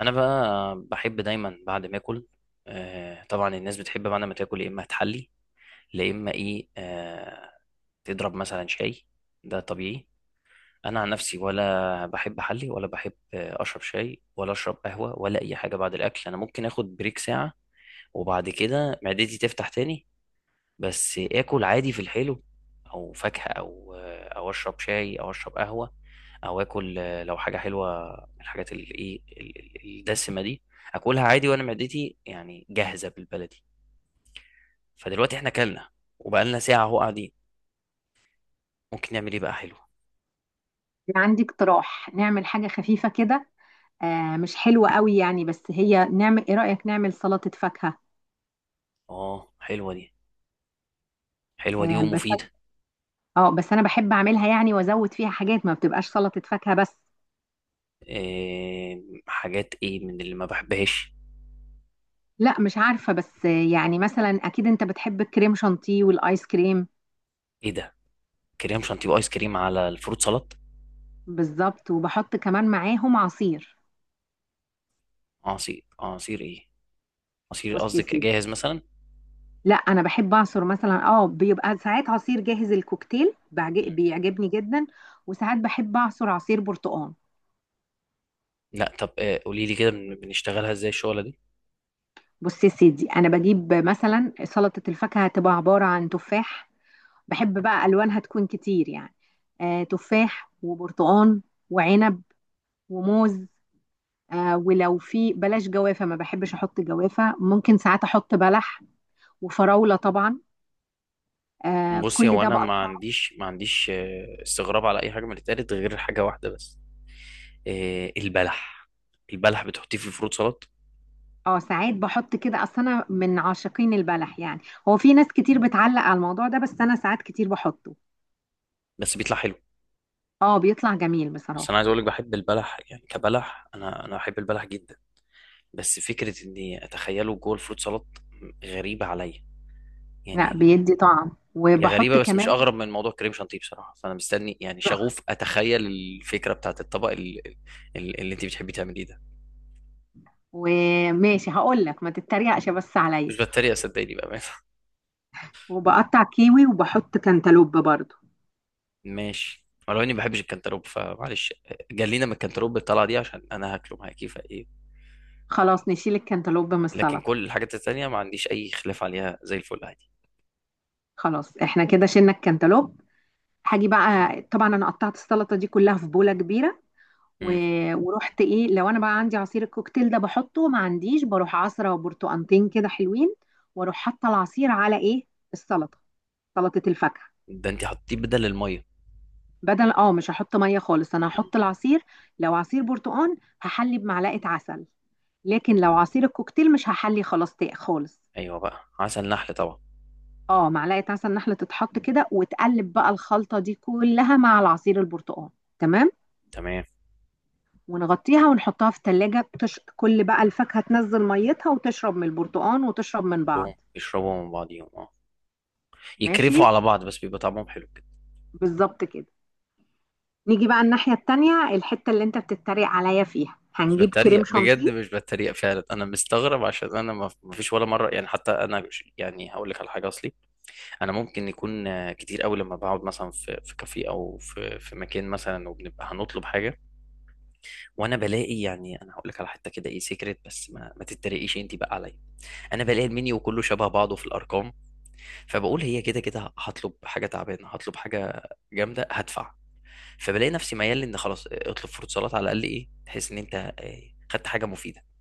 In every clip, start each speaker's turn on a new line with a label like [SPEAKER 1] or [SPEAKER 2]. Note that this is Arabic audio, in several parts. [SPEAKER 1] انا بقى بحب دايما بعد ما اكل. طبعا الناس بتحب بعد ما تاكل يا اما تحلي يا اما ايه. تضرب مثلا شاي. ده طبيعي. انا عن نفسي ولا بحب احلي ولا بحب اشرب شاي ولا اشرب قهوه ولا اي حاجه بعد الاكل. انا ممكن اخد بريك ساعه وبعد كده معدتي تفتح تاني. بس اكل عادي في الحلو او فاكهة او اشرب شاي او اشرب قهوة او اكل، لو حاجة حلوة من الحاجات اللي ايه الدسمة دي اكلها عادي، وانا معدتي يعني جاهزة بالبلدي. فدلوقتي احنا كلنا وبقالنا ساعة اهو قاعدين، ممكن نعمل ايه بقى حلو؟
[SPEAKER 2] أنا عندي اقتراح نعمل حاجة خفيفة كده. آه، مش حلوة قوي يعني، بس هي نعمل ايه، رأيك نعمل سلطة فاكهة؟
[SPEAKER 1] اه، حلوة دي. حلوة دي
[SPEAKER 2] آه بس.
[SPEAKER 1] ومفيدة.
[SPEAKER 2] اه بس انا بحب اعملها يعني وازود فيها حاجات، ما بتبقاش سلطة فاكهة بس.
[SPEAKER 1] إيه حاجات ايه من اللي ما بحبهاش؟
[SPEAKER 2] لا مش عارفة بس، يعني مثلا اكيد انت بتحب الكريم شانتيه والايس كريم.
[SPEAKER 1] ايه ده؟ كريم شانتيه وايس كريم على الفروت سلطة؟
[SPEAKER 2] بالظبط، وبحط كمان معاهم عصير.
[SPEAKER 1] عصير؟ عصير ايه؟ عصير
[SPEAKER 2] بص يا
[SPEAKER 1] قصدك
[SPEAKER 2] سيدي،
[SPEAKER 1] اجهز مثلا؟
[SPEAKER 2] لا انا بحب اعصر مثلا، اه بيبقى ساعات عصير جاهز الكوكتيل بيعجبني جدا. وساعات بحب اعصر عصير برتقال.
[SPEAKER 1] لا طب، قولي لي كده بنشتغلها ازاي الشغله دي.
[SPEAKER 2] بص يا سيدي، انا بجيب مثلا سلطه الفاكهه، هتبقى عباره عن تفاح. بحب بقى الوانها تكون كتير يعني. آه، تفاح وبرتقان وعنب وموز. آه، ولو في بلاش جوافه، ما بحبش احط جوافه، ممكن ساعات احط بلح. وفراوله طبعا. آه،
[SPEAKER 1] بصي،
[SPEAKER 2] كل
[SPEAKER 1] هو
[SPEAKER 2] ده
[SPEAKER 1] انا ما
[SPEAKER 2] بقطع.
[SPEAKER 1] عنديش ما عنديش استغراب على اي حاجه من اللي اتقالت غير حاجه واحده بس، البلح. البلح بتحطيه في الفروت سلطه؟
[SPEAKER 2] اه ساعات بحط كده، اصل انا من عاشقين البلح يعني. هو في ناس كتير بتعلق على الموضوع ده، بس انا ساعات كتير بحطه.
[SPEAKER 1] بس بيطلع حلو.
[SPEAKER 2] اه بيطلع جميل
[SPEAKER 1] بس انا
[SPEAKER 2] بصراحه.
[SPEAKER 1] عايز اقول لك بحب البلح يعني، كبلح انا بحب البلح جدا، بس فكره اني اتخيله جوه الفروت سلطه غريبه عليا
[SPEAKER 2] لا
[SPEAKER 1] يعني.
[SPEAKER 2] بيدي طعم،
[SPEAKER 1] هي
[SPEAKER 2] وبحط
[SPEAKER 1] غريبه بس مش
[SPEAKER 2] كمان.
[SPEAKER 1] اغرب من موضوع كريم شانتيه بصراحه، فانا مستني يعني شغوف اتخيل الفكره بتاعت الطبق اللي انت بتحبي تعمليه ده.
[SPEAKER 2] وماشي هقول لك، ما تتريقش بس
[SPEAKER 1] مش
[SPEAKER 2] عليا.
[SPEAKER 1] بتريق، صدقيني بقى.
[SPEAKER 2] وبقطع كيوي وبحط كانتالوب برضو.
[SPEAKER 1] ماشي، ولو اني ما بحبش الكنتالوب فمعلش، جلينا من الكنتالوب بالطلعه دي عشان انا هاكله معاكي فايه.
[SPEAKER 2] خلاص نشيل الكانتالوب من
[SPEAKER 1] لكن
[SPEAKER 2] السلطه.
[SPEAKER 1] كل الحاجات التانيه ما عنديش اي خلاف عليها، زي الفل عادي.
[SPEAKER 2] خلاص احنا كده شلنا الكانتالوب. هاجي بقى، طبعا انا قطعت السلطه دي كلها في بوله كبيره. و...
[SPEAKER 1] مم.
[SPEAKER 2] ورحت ايه، لو انا بقى عندي عصير الكوكتيل ده بحطه، ما عنديش بروح عصره، وبرتقانتين كده حلوين. واروح حاطه العصير على ايه؟ السلطه، سلطه الفاكهه.
[SPEAKER 1] ده انت حطيه بدل الميه.
[SPEAKER 2] بدل، اه مش هحط ميه خالص، انا
[SPEAKER 1] مم.
[SPEAKER 2] هحط العصير. لو عصير برتقان هحلي بمعلقه عسل، لكن لو عصير الكوكتيل مش هحلي خلاص خالص.
[SPEAKER 1] ايوه بقى، عسل نحل طبعا.
[SPEAKER 2] اه معلقه عسل نحله تتحط كده، وتقلب بقى الخلطه دي كلها مع العصير البرتقال. تمام.
[SPEAKER 1] تمام.
[SPEAKER 2] ونغطيها ونحطها في التلاجة. كل بقى الفاكهة تنزل ميتها، وتشرب من البرتقال وتشرب من بعض.
[SPEAKER 1] كلهم يشربوا من بعضيهم، اه.
[SPEAKER 2] ماشي.
[SPEAKER 1] يكرفوا على بعض بس بيبقى طعمهم حلو كده.
[SPEAKER 2] بالظبط كده. نيجي بقى الناحية التانية، الحتة اللي انت بتتريق عليا فيها،
[SPEAKER 1] مش
[SPEAKER 2] هنجيب كريم
[SPEAKER 1] بتريق بجد،
[SPEAKER 2] شانتيه.
[SPEAKER 1] مش بتريق فعلا. انا مستغرب عشان انا ما فيش ولا مره يعني. حتى انا يعني هقول لك على حاجه اصلي. انا ممكن يكون كتير قوي لما بقعد مثلا في في كافيه او في مكان مثلا وبنبقى هنطلب حاجه، وانا بلاقي يعني، انا هقول لك على حته كده ايه سيكريت بس ما تتريقيش انت بقى عليا. انا بلاقي المنيو كله شبه بعضه في الارقام، فبقول هي كده كده هطلب حاجه تعبانه هطلب حاجه جامده هدفع. فبلاقي نفسي ميال ان خلاص اطلب فروت سلطه على الاقل ايه، تحس ان انت خدت حاجه مفيده.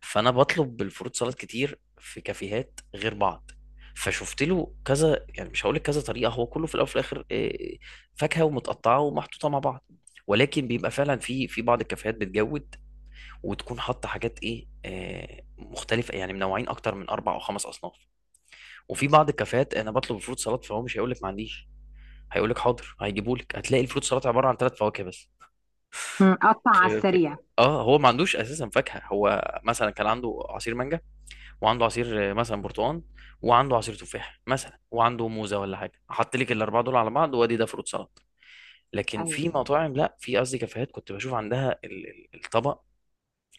[SPEAKER 1] فانا بطلب بالفروت سلطات كتير في كافيهات غير بعض، فشفت له كذا يعني، مش هقول لك كذا طريقه، هو كله في الاول وفي الاخر فاكهه ومتقطعه ومحطوطه مع بعض. ولكن بيبقى فعلا في بعض الكافيهات بتجود وتكون حاطه حاجات ايه مختلفه يعني، منوعين اكتر من اربع او خمس اصناف. وفي بعض الكافيهات انا بطلب الفروت سلطات فهو مش هيقول لك ما عنديش، هيقول لك حاضر هيجيبوا لك، هتلاقي الفروت سلطات عباره عن ثلاث فواكه بس.
[SPEAKER 2] مم. قطع على
[SPEAKER 1] خير
[SPEAKER 2] السريع.
[SPEAKER 1] الفكرة، اه هو ما عندوش اساسا فاكهه، هو مثلا كان عنده عصير مانجا، وعنده عصير مثلا برتقال، وعنده عصير تفاح مثلا وعنده موزه ولا حاجه، احط لك الاربعه دول على بعض وادي ده فروت سلطه. لكن
[SPEAKER 2] ايوه.
[SPEAKER 1] في مطاعم، لا في قصدي كافيهات، كنت بشوف عندها الطبق.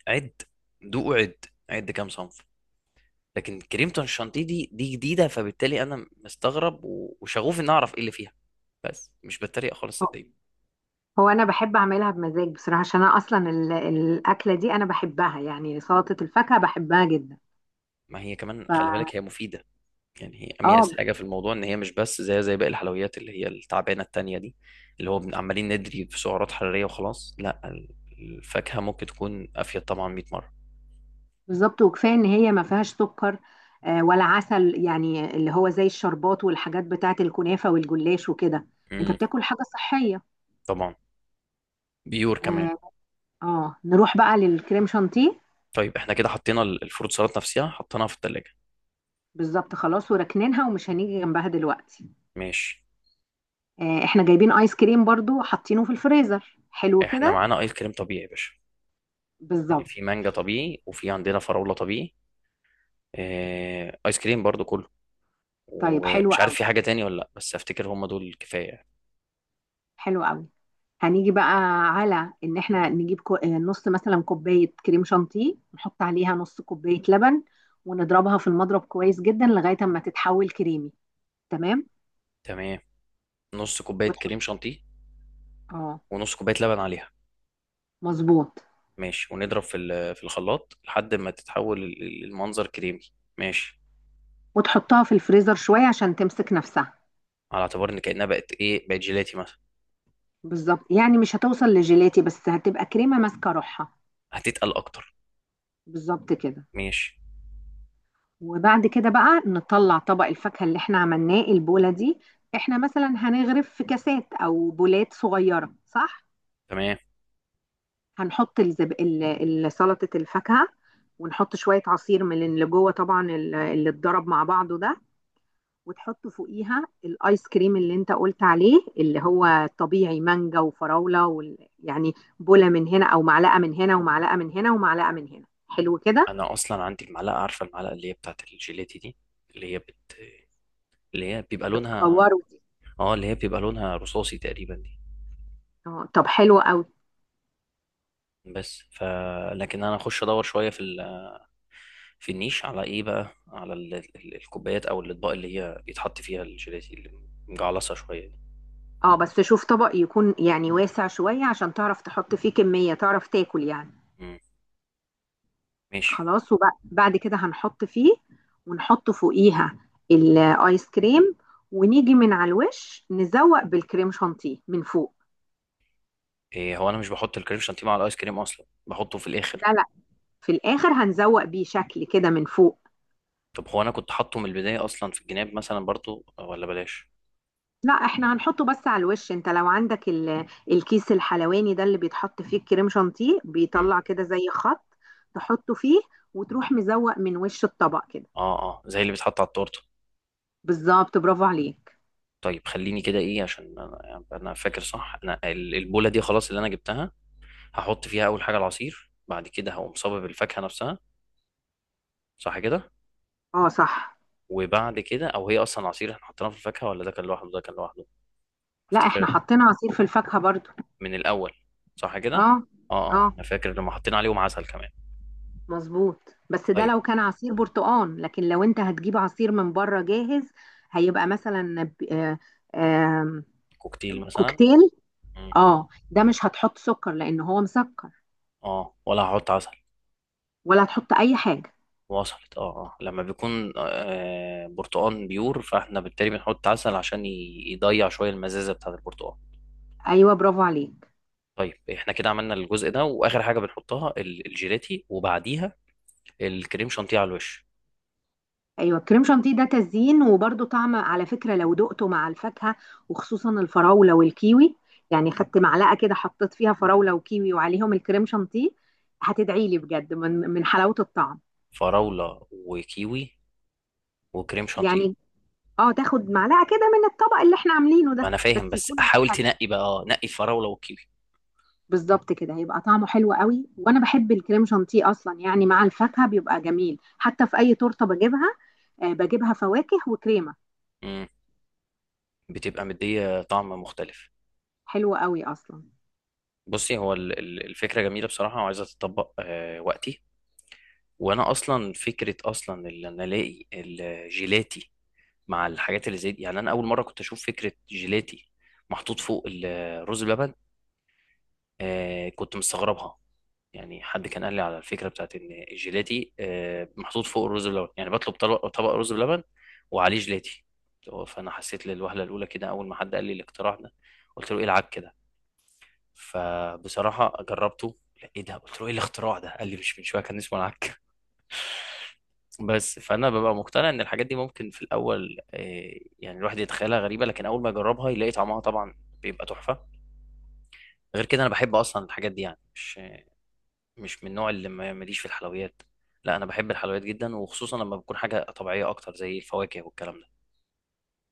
[SPEAKER 1] عد. دوق. عد عد كام صنف. لكن كريمة الشانتيه دي جديده، فبالتالي انا مستغرب وشغوف ان اعرف ايه اللي فيها، بس مش بتريق خالص صدقني.
[SPEAKER 2] هو انا بحب اعملها بمزاج بصراحه، عشان انا اصلا الاكله دي انا بحبها يعني، سلطه الفاكهه بحبها جدا.
[SPEAKER 1] ما هي كمان
[SPEAKER 2] ف
[SPEAKER 1] خلي بالك هي مفيده يعني، هي
[SPEAKER 2] اه،
[SPEAKER 1] اميز حاجه في الموضوع ان هي مش بس زي باقي الحلويات اللي هي التعبانه التانية دي، اللي هو عمالين ندري في سعرات حراريه وخلاص. لا، الفاكهه ممكن تكون افيد طبعا 100 مره.
[SPEAKER 2] بالظبط. وكفايه ان هي ما فيهاش سكر، ولا عسل، يعني اللي هو زي الشربات والحاجات بتاعه الكنافه والجلاش وكده. انت
[SPEAKER 1] امم
[SPEAKER 2] بتاكل حاجه صحيه.
[SPEAKER 1] طبعا. بيور كمان.
[SPEAKER 2] اه. آه. نروح بقى للكريم شانتيه.
[SPEAKER 1] طيب احنا كده حطينا الفروت سلطه نفسها حطيناها في الثلاجه.
[SPEAKER 2] بالظبط خلاص، وركنينها ومش هنيجي جنبها دلوقتي.
[SPEAKER 1] ماشي.
[SPEAKER 2] آه، احنا جايبين ايس كريم برضو، حاطينه في الفريزر حلو
[SPEAKER 1] احنا
[SPEAKER 2] كده.
[SPEAKER 1] معانا ايس كريم طبيعي يا باشا، يعني
[SPEAKER 2] بالظبط.
[SPEAKER 1] في مانجا طبيعي وفي عندنا فراوله طبيعي، ايس كريم برضو كله.
[SPEAKER 2] طيب حلو
[SPEAKER 1] ومش عارف
[SPEAKER 2] قوي،
[SPEAKER 1] في حاجه تاني ولا لا، بس افتكر هم دول كفايه.
[SPEAKER 2] حلو قوي. هنيجي بقى على ان احنا نجيب كو... آه، نص مثلا كوبايه كريم شانتيه، نحط عليها نص كوبايه لبن. ونضربها في المضرب كويس جدا لغايه اما تتحول كريمي. تمام.
[SPEAKER 1] تمام. نص كوبايه
[SPEAKER 2] وتحط،
[SPEAKER 1] كريم شانتيه
[SPEAKER 2] اه
[SPEAKER 1] ونص كوبايه لبن عليها.
[SPEAKER 2] مظبوط.
[SPEAKER 1] ماشي، ونضرب في في الخلاط لحد ما تتحول المنظر كريمي. ماشي،
[SPEAKER 2] وتحطها في الفريزر شويه عشان تمسك نفسها.
[SPEAKER 1] على اعتبار ان كأنها بقت ايه، بقت جيلاتي مثلا.
[SPEAKER 2] بالظبط، يعني مش هتوصل لجيلاتي، بس هتبقى كريمه ماسكه روحها.
[SPEAKER 1] هتتقل اكتر.
[SPEAKER 2] بالظبط كده.
[SPEAKER 1] ماشي.
[SPEAKER 2] وبعد كده بقى نطلع طبق الفاكهه اللي احنا عملناه، البوله دي. احنا مثلا هنغرف في كاسات او بولات صغيره، صح؟
[SPEAKER 1] تمام.
[SPEAKER 2] هنحط سلطة الفاكهة. ونحط شوية عصير من اللي جوه طبعا، اللي اتضرب مع بعضه ده. وتحط فوقيها الايس كريم اللي انت قلت عليه، اللي هو طبيعي مانجا وفراولة يعني بولة من هنا او معلقة من هنا، ومعلقة من هنا ومعلقة من هنا، حلو كده.
[SPEAKER 1] انا اصلا عندي المعلقه، عارفه المعلقه اللي هي بتاعت الجيلاتي دي، اللي هي بت... اللي هي بيبقى لونها
[SPEAKER 2] بتكوره دي.
[SPEAKER 1] اه اللي هي بيبقى لونها رصاصي تقريبا دي.
[SPEAKER 2] اه طب حلو قوي.
[SPEAKER 1] بس ف لكن انا اخش ادور شويه في في النيش على ايه بقى، على الكوبايات او الاطباق اللي هي بيتحط فيها الجيلاتي اللي مجعلصه شويه دي.
[SPEAKER 2] اه بس شوف طبق يكون يعني واسع شوية، عشان تعرف تحط فيه كمية تعرف تاكل يعني.
[SPEAKER 1] مم. ماشي.
[SPEAKER 2] خلاص وبعد كده هنحط فيه، ونحط فوقيها الايس كريم. ونيجي من على الوش نزوق بالكريم شانتيه من فوق.
[SPEAKER 1] إيه، هو انا مش بحط الكريم شانتيه مع الايس كريم اصلا، بحطه في الاخر.
[SPEAKER 2] لا لا، في الاخر هنزوق بيه شكل كده من فوق.
[SPEAKER 1] طب هو انا كنت حاطه من البدايه اصلا في الجناب مثلا برضو، ولا بلاش؟
[SPEAKER 2] لا احنا هنحطه بس على الوش، انت لو عندك الكيس الحلواني ده اللي بيتحط فيه الكريم شانتيه،
[SPEAKER 1] مم.
[SPEAKER 2] بيطلع كده زي خط. تحطه فيه، وتروح مزوق من وش الطبق كده.
[SPEAKER 1] اه اه، زي اللي بيتحط على التورته.
[SPEAKER 2] بالظبط، برافو عليك.
[SPEAKER 1] طيب خليني كده ايه، عشان انا يعني انا فاكر صح، انا البوله دي خلاص اللي انا جبتها، هحط فيها اول حاجه العصير، بعد كده هقوم صابب الفاكهه نفسها، صح كده؟
[SPEAKER 2] اه صح.
[SPEAKER 1] وبعد كده، او هي اصلا عصير احنا حطيناه في الفاكهه ولا ده كان لوحده؟ ده كان لوحده
[SPEAKER 2] لا احنا
[SPEAKER 1] افتكر.
[SPEAKER 2] حطينا عصير في الفاكهة برضو.
[SPEAKER 1] من الاول، صح كده.
[SPEAKER 2] اه
[SPEAKER 1] اه
[SPEAKER 2] اه
[SPEAKER 1] اه، انا فاكر لما حطينا عليهم عسل كمان.
[SPEAKER 2] مظبوط، بس ده
[SPEAKER 1] طيب.
[SPEAKER 2] لو كان عصير برتقان، لكن لو انت هتجيب عصير من بره جاهز، هيبقى مثلا ب- آه، آم،
[SPEAKER 1] كوكتيل مثلا.
[SPEAKER 2] كوكتيل. اه ده مش هتحط سكر لان هو مسكر،
[SPEAKER 1] اه ولا هحط عسل.
[SPEAKER 2] ولا هتحط اي حاجه.
[SPEAKER 1] وصلت، اه. اه لما بيكون برتقان بيور، فاحنا بالتالي بنحط عسل عشان يضيع شويه المزازه بتاعه البرتقان.
[SPEAKER 2] ايوه برافو عليك.
[SPEAKER 1] طيب احنا كده عملنا الجزء ده، واخر حاجه بنحطها الجيلاتي وبعديها الكريم شانتيه على الوش.
[SPEAKER 2] ايوه كريم شانتيه ده تزيين، وبرده طعم على فكره لو دقته مع الفاكهه، وخصوصا الفراوله والكيوي. يعني خدت معلقه كده، حطيت فيها فراوله وكيوي وعليهم الكريم شانتيه، هتدعي لي بجد من حلاوه الطعم
[SPEAKER 1] فراوله وكيوي وكريم شانتيه.
[SPEAKER 2] يعني. اه تاخد معلقه كده من الطبق اللي احنا عاملينه
[SPEAKER 1] ما
[SPEAKER 2] ده،
[SPEAKER 1] انا
[SPEAKER 2] بس
[SPEAKER 1] فاهم، بس
[SPEAKER 2] يكون على
[SPEAKER 1] احاول
[SPEAKER 2] الحلقة.
[SPEAKER 1] تنقي بقى، اه، نقي الفراوله والكيوي.
[SPEAKER 2] بالظبط كده، هيبقى طعمه حلو قوي. وانا بحب الكريم شانتيه اصلا يعني مع الفاكهه، بيبقى جميل حتى في اي تورته بجيبها، آه بجيبها فواكه وكريمه.
[SPEAKER 1] امم بتبقى مديه طعم مختلف.
[SPEAKER 2] حلوه قوي اصلا.
[SPEAKER 1] بصي، هو الفكره جميله بصراحه، وعايزه تتطبق وقتي. وانا اصلا فكره اصلا، اللي انا الاقي الجيلاتي مع الحاجات اللي زي دي يعني، انا اول مره كنت اشوف فكره جيلاتي محطوط فوق الرز بلبن، كنت مستغربها. يعني حد كان قال لي على الفكره بتاعت ان الجيلاتي محطوط فوق الرز بلبن، يعني بطلب طبق طبق رز بلبن وعليه جيلاتي. فانا حسيت للوهله الاولى كده اول ما حد قال لي الاختراع ده، قلت له ايه العك كده. فبصراحه جربته. لا ايه ده، قلت له ايه الاختراع ده، قال لي مش من شويه كان اسمه العك. بس فانا ببقى مقتنع ان الحاجات دي ممكن في الاول، يعني الواحد يتخيلها غريبه، لكن اول ما يجربها يلاقي طعمها طبعا بيبقى تحفه. غير كده انا بحب اصلا الحاجات دي، يعني مش من النوع اللي ماليش في الحلويات. لا انا بحب الحلويات جدا، وخصوصا لما بتكون حاجه طبيعيه اكتر زي الفواكه والكلام ده.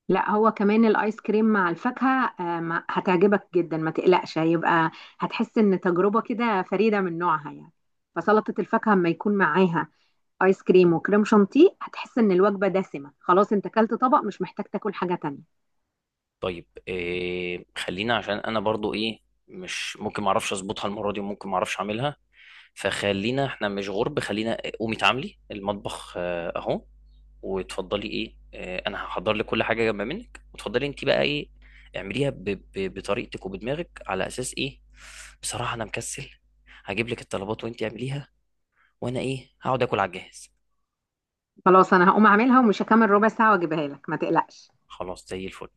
[SPEAKER 2] لا هو كمان الايس كريم مع الفاكهه آه هتعجبك جدا، ما تقلقش. هيبقى، هتحس ان تجربه كده فريده من نوعها يعني. فسلطه الفاكهه اما يكون معاها ايس كريم وكريم شانتيه، هتحس ان الوجبه دسمه خلاص، انت اكلت طبق مش محتاج تاكل حاجه تانية.
[SPEAKER 1] طيب خلينا، عشان انا برضو ايه، مش ممكن ما اعرفش اظبطها المره دي وممكن ما اعرفش اعملها. فخلينا احنا مش غرب، خلينا قومي تعاملي المطبخ اهو، وتفضلي ايه، انا هحضر لك كل حاجه جنب منك وتفضلي انت بقى ايه، اعمليها بطريقتك وبدماغك على اساس ايه. بصراحه انا مكسل، هجيب لك الطلبات وانت اعمليها، وانا ايه هقعد اكل على الجهاز.
[SPEAKER 2] خلاص انا هقوم اعملها، ومش هكمل ربع ساعة واجيبها لك، ما تقلقش.
[SPEAKER 1] خلاص زي الفل.